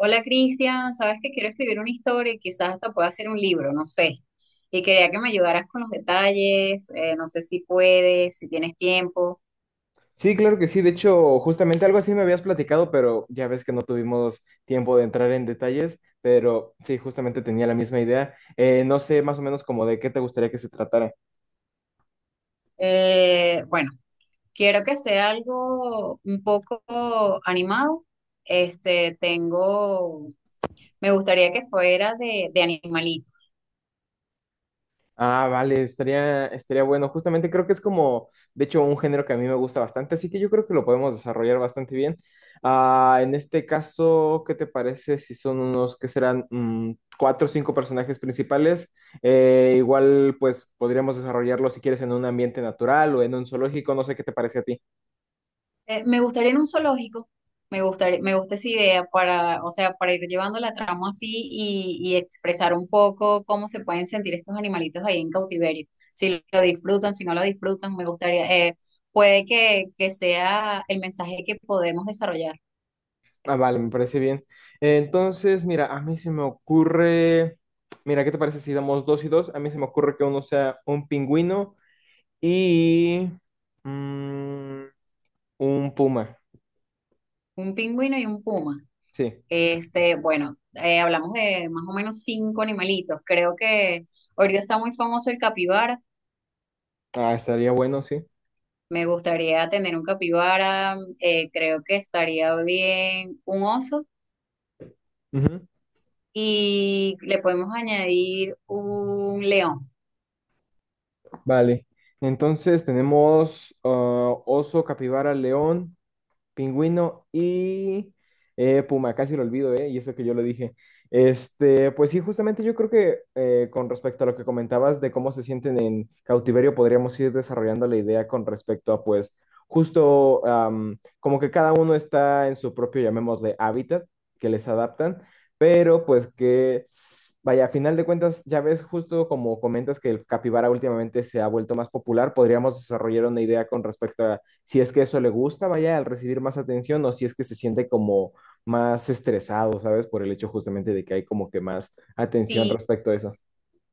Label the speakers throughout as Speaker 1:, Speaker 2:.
Speaker 1: Hola Cristian, sabes que quiero escribir una historia y quizás hasta pueda hacer un libro, no sé. Y quería que me ayudaras con los detalles, no sé si puedes, si tienes tiempo.
Speaker 2: Sí, claro que sí. De hecho, justamente algo así me habías platicado, pero ya ves que no tuvimos tiempo de entrar en detalles, pero sí, justamente tenía la misma idea. No sé más o menos como de qué te gustaría que se tratara.
Speaker 1: Bueno, quiero que sea algo un poco animado. Tengo, me gustaría que fuera de animalitos.
Speaker 2: Ah, vale, estaría bueno. Justamente creo que es como, de hecho, un género que a mí me gusta bastante, así que yo creo que lo podemos desarrollar bastante bien. Ah, en este caso, ¿qué te parece si son unos que serán cuatro o cinco personajes principales? Igual, pues podríamos desarrollarlo si quieres en un ambiente natural o en un zoológico, no sé qué te parece a ti.
Speaker 1: Me gustaría en un zoológico, me gustaría, me gusta esa idea para, o sea, para ir llevando la trama así y expresar un poco cómo se pueden sentir estos animalitos ahí en cautiverio, si lo disfrutan, si no lo disfrutan, me gustaría, puede que sea el mensaje que podemos desarrollar,
Speaker 2: Ah, vale, me parece bien. Entonces, mira, a mí se me ocurre, mira, ¿qué te parece si damos dos y dos? A mí se me ocurre que uno sea un pingüino y mm, un puma,
Speaker 1: un pingüino y un puma.
Speaker 2: sí.
Speaker 1: Bueno, hablamos de más o menos 5 animalitos, creo que ahorita está muy famoso el capibara.
Speaker 2: Ah, estaría bueno, sí.
Speaker 1: Me gustaría tener un capibara, creo que estaría bien un oso
Speaker 2: Ujú.
Speaker 1: y le podemos añadir un león.
Speaker 2: Vale. Entonces tenemos, oso, capibara, león. Pingüino y puma, casi lo olvido, ¿eh? Y eso que yo lo dije. Este, pues sí, justamente yo creo que, con respecto a lo que comentabas de cómo se sienten en cautiverio, podríamos ir desarrollando la idea con respecto a, pues, justo, como que cada uno está en su propio, llamémosle, hábitat que les adaptan, pero pues que, vaya, a final de cuentas, ya ves, justo como comentas que el capibara últimamente se ha vuelto más popular, podríamos desarrollar una idea con respecto a si es que eso le gusta, vaya, al recibir más atención o si es que se siente como más estresado, ¿sabes? Por el hecho justamente de que hay como que más atención
Speaker 1: Si
Speaker 2: respecto a eso.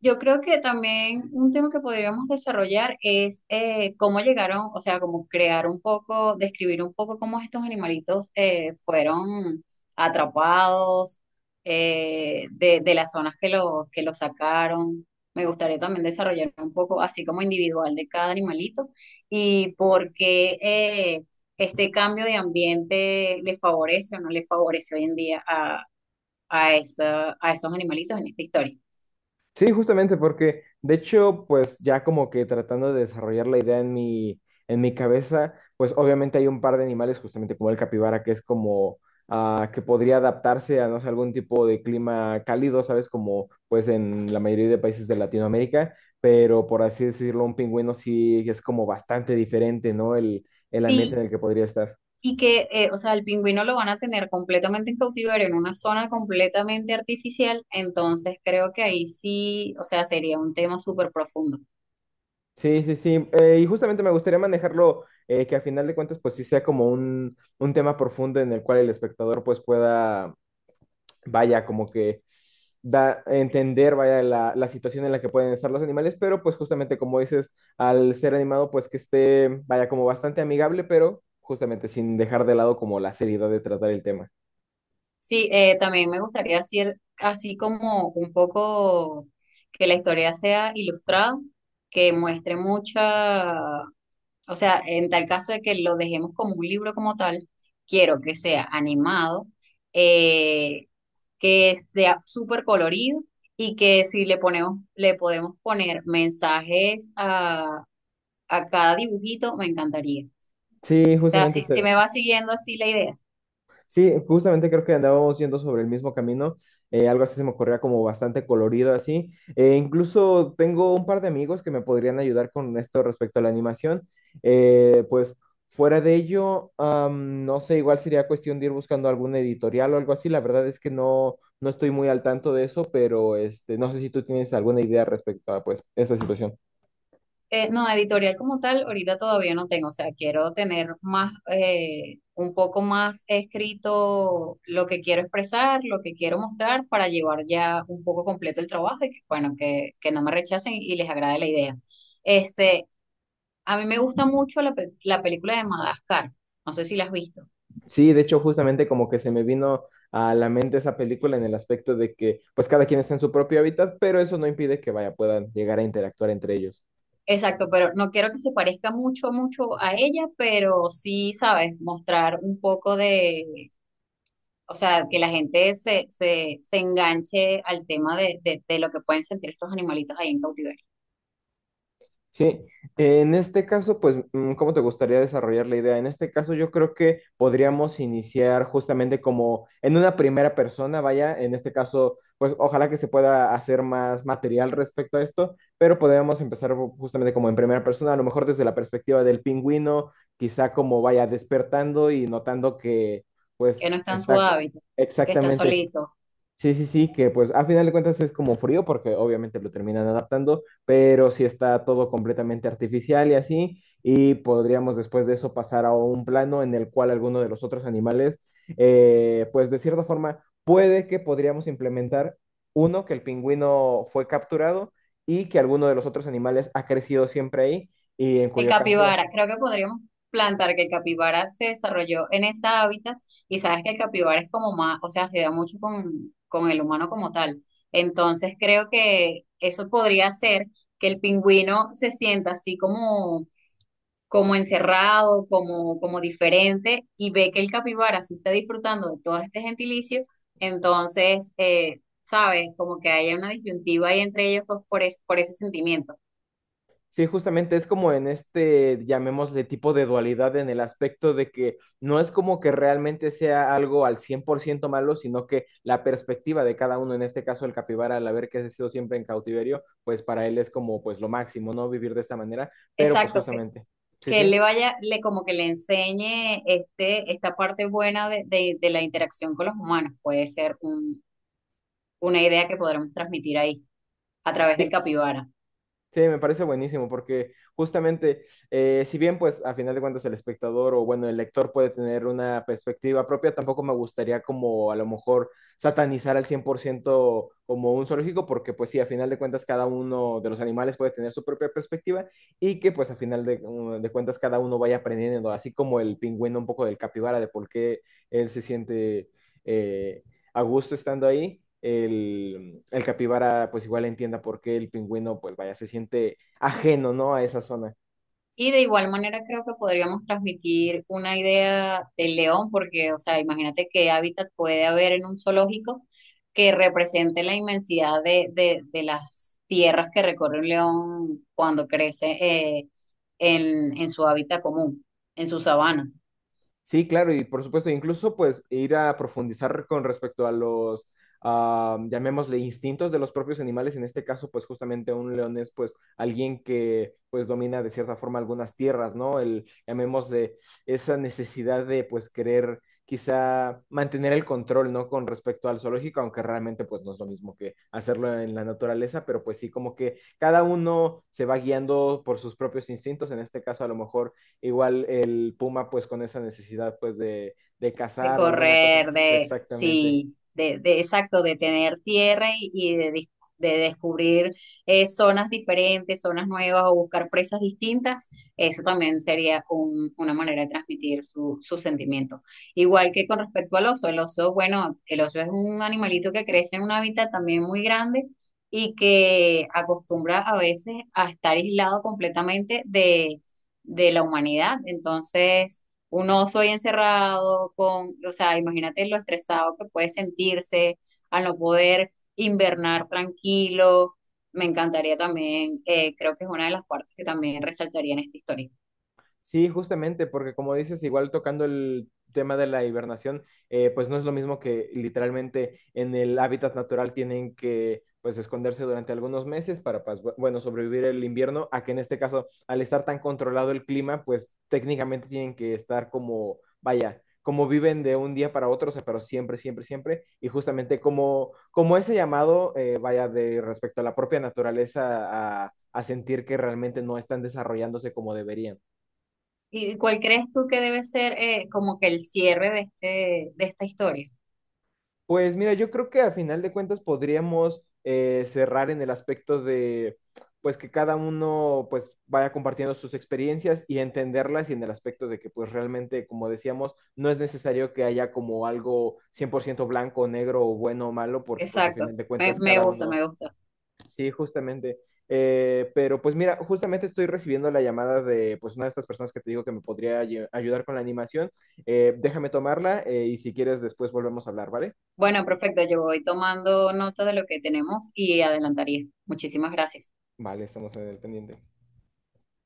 Speaker 1: Yo creo que también un tema que podríamos desarrollar es cómo llegaron, o sea, cómo crear un poco, describir un poco cómo estos animalitos fueron atrapados de las zonas que los sacaron. Me gustaría también desarrollar un poco, así como individual de cada animalito y por qué este cambio de ambiente le favorece o no le favorece hoy en día a, a esos animalitos en esta historia.
Speaker 2: Sí, justamente porque, de hecho, pues ya como que tratando de desarrollar la idea en mi cabeza, pues obviamente hay un par de animales, justamente como el capibara, que es como, que podría adaptarse a, no sé, algún tipo de clima cálido, ¿sabes? Como pues en la mayoría de países de Latinoamérica, pero por así decirlo, un pingüino sí es como bastante diferente, ¿no? El ambiente en
Speaker 1: Sí,
Speaker 2: el que podría estar.
Speaker 1: y que, o sea, el pingüino lo van a tener completamente en cautiverio, en una zona completamente artificial, entonces creo que ahí sí, o sea, sería un tema súper profundo.
Speaker 2: Sí, sí, sí. Y justamente me gustaría manejarlo, que a final de cuentas, pues sí sea como un tema profundo en el cual el espectador pues pueda, vaya, como que entender, vaya, la situación en la que pueden estar los animales, pero pues justamente como dices, al ser animado, pues que esté, vaya, como bastante amigable, pero justamente sin dejar de lado como la seriedad de tratar el tema.
Speaker 1: Sí, también me gustaría hacer así como un poco que la historia sea ilustrada, que muestre mucha. O sea, en tal caso de que lo dejemos como un libro como tal, quiero que sea animado, eh, que sea súper colorido y que si le ponemos, le podemos poner mensajes a cada dibujito, me encantaría. O
Speaker 2: Sí,
Speaker 1: sea,
Speaker 2: justamente
Speaker 1: si, si
Speaker 2: este-
Speaker 1: me va siguiendo así la idea.
Speaker 2: Sí, justamente creo que andábamos yendo sobre el mismo camino, algo así se me ocurría como bastante colorido así. Incluso tengo un par de amigos que me podrían ayudar con esto respecto a la animación. Pues fuera de ello, no sé, igual sería cuestión de ir buscando algún editorial o algo así. La verdad es que no, no estoy muy al tanto de eso, pero este, no sé si tú tienes alguna idea respecto a pues esta situación.
Speaker 1: No, editorial como tal, ahorita todavía no tengo, o sea, quiero tener más, un poco más escrito lo que quiero expresar, lo que quiero mostrar para llevar ya un poco completo el trabajo y que, bueno, que no me rechacen y les agrade la idea. Este, a mí me gusta mucho la, la película de Madagascar, no sé si la has visto.
Speaker 2: Sí, de hecho, justamente como que se me vino a la mente esa película en el aspecto de que pues cada quien está en su propio hábitat, pero eso no impide que vaya, puedan llegar a interactuar entre ellos.
Speaker 1: Exacto, pero no quiero que se parezca mucho, mucho a ella, pero sí, sabes, mostrar un poco de, o sea, que la gente se, se, se enganche al tema de lo que pueden sentir estos animalitos ahí en cautiverio,
Speaker 2: Sí, en este caso, pues, ¿cómo te gustaría desarrollar la idea? En este caso, yo creo que podríamos iniciar justamente como en una primera persona, vaya, en este caso, pues, ojalá que se pueda hacer más material respecto a esto, pero podríamos empezar justamente como en primera persona, a lo mejor desde la perspectiva del pingüino, quizá como vaya despertando y notando que,
Speaker 1: que
Speaker 2: pues,
Speaker 1: no está en su
Speaker 2: está.
Speaker 1: hábitat, que está
Speaker 2: Exactamente.
Speaker 1: solito.
Speaker 2: Sí, sí, sí, que pues a final de cuentas es como frío porque obviamente lo terminan adaptando, pero si está todo completamente artificial y así, y podríamos después de eso pasar a un plano en el cual alguno de los otros animales, pues de cierta forma, puede que podríamos implementar uno, que el pingüino fue capturado y que alguno de los otros animales ha crecido siempre ahí, y en
Speaker 1: El
Speaker 2: cuyo caso.
Speaker 1: capibara, creo que podríamos plantar que el capibara se desarrolló en ese hábitat y sabes que el capibara es como más, o sea, se da mucho con el humano como tal. Entonces creo que eso podría ser que el pingüino se sienta así como como encerrado, como, como diferente, y ve que el capibara sí está disfrutando de todo este gentilicio, entonces, ¿sabes? Como que haya una disyuntiva ahí entre ellos dos por, por ese sentimiento.
Speaker 2: Sí, justamente es como en este, llamémosle tipo de dualidad en el aspecto de que no es como que realmente sea algo al 100% malo, sino que la perspectiva de cada uno, en este caso el capibara, al haber que sido siempre en cautiverio, pues para él es como pues lo máximo, ¿no? Vivir de esta manera, pero pues
Speaker 1: Exacto,
Speaker 2: justamente, sí,
Speaker 1: que
Speaker 2: sí.
Speaker 1: él le vaya, le, como que le enseñe este, esta parte buena de, de la interacción con los humanos, puede ser una idea que podremos transmitir ahí a través
Speaker 2: Sí,
Speaker 1: del capibara.
Speaker 2: sí, me parece buenísimo porque justamente, si bien pues a final de cuentas el espectador o bueno, el lector puede tener una perspectiva propia, tampoco me gustaría como a lo mejor satanizar al 100% como un zoológico porque pues sí, a final de cuentas cada uno de los animales puede tener su propia perspectiva y que pues a final de cuentas cada uno vaya aprendiendo, así como el pingüino un poco del capibara de por qué él se siente eh, a gusto estando ahí. El capibara pues igual entienda por qué el pingüino pues vaya, se siente ajeno, ¿no? A esa zona.
Speaker 1: Y de igual manera creo que podríamos transmitir una idea del león, porque, o sea, imagínate qué hábitat puede haber en un zoológico que represente la inmensidad de las tierras que recorre un león cuando crece, en su hábitat común, en su sabana.
Speaker 2: Sí, claro, y por supuesto, incluso pues ir a profundizar con respecto a los, llamémosle, instintos de los propios animales, en este caso pues justamente un león es pues alguien que pues domina de cierta forma algunas tierras, ¿no? El, llamémosle, esa necesidad de pues querer quizá mantener el control, ¿no? Con respecto al zoológico, aunque realmente pues no es lo mismo que hacerlo en la naturaleza, pero pues sí, como que cada uno se va guiando por sus propios instintos, en este caso a lo mejor. Igual el puma, pues con esa necesidad, pues de
Speaker 1: De
Speaker 2: cazar o alguna cosa.
Speaker 1: correr, de,
Speaker 2: Exactamente.
Speaker 1: sí, de exacto, de tener tierra y de, de descubrir zonas diferentes, zonas nuevas o buscar presas distintas, eso también sería una manera de transmitir su, su sentimiento. Igual que con respecto al oso, el oso, bueno, el oso es un animalito que crece en un hábitat también muy grande y que acostumbra a veces a estar aislado completamente de la humanidad. Entonces un oso ahí encerrado con, o sea, imagínate lo estresado que puede sentirse al no poder invernar tranquilo. Me encantaría también, creo que es una de las partes que también resaltaría en esta historia.
Speaker 2: Sí, justamente, porque como dices, igual tocando el tema de la hibernación, pues no es lo mismo que literalmente en el hábitat natural tienen que pues esconderse durante algunos meses para, pues, bueno, sobrevivir el invierno, a que en este caso, al estar tan controlado el clima, pues técnicamente tienen que estar como, vaya, como viven de un día para otro, o sea, pero siempre, siempre, siempre, y justamente como, ese llamado, vaya, de respecto a la propia naturaleza, a sentir que realmente no están desarrollándose como deberían.
Speaker 1: ¿Y cuál crees tú que debe ser, como que el cierre de este, de esta historia?
Speaker 2: Pues mira, yo creo que a final de cuentas podríamos, cerrar en el aspecto de, pues que cada uno pues vaya compartiendo sus experiencias y entenderlas y en el aspecto de que pues realmente, como decíamos, no es necesario que haya como algo 100% blanco, o negro o bueno o malo, porque pues a
Speaker 1: Exacto,
Speaker 2: final de
Speaker 1: me,
Speaker 2: cuentas
Speaker 1: me
Speaker 2: cada
Speaker 1: gusta,
Speaker 2: uno,
Speaker 1: me gusta.
Speaker 2: sí, justamente. Pero pues mira, justamente estoy recibiendo la llamada de pues una de estas personas que te digo que me podría ayudar con la animación. Déjame tomarla, y si quieres después volvemos a hablar, ¿vale?
Speaker 1: Bueno, perfecto, yo voy tomando nota de lo que tenemos y adelantaría. Muchísimas gracias.
Speaker 2: Vale, estamos en el pendiente.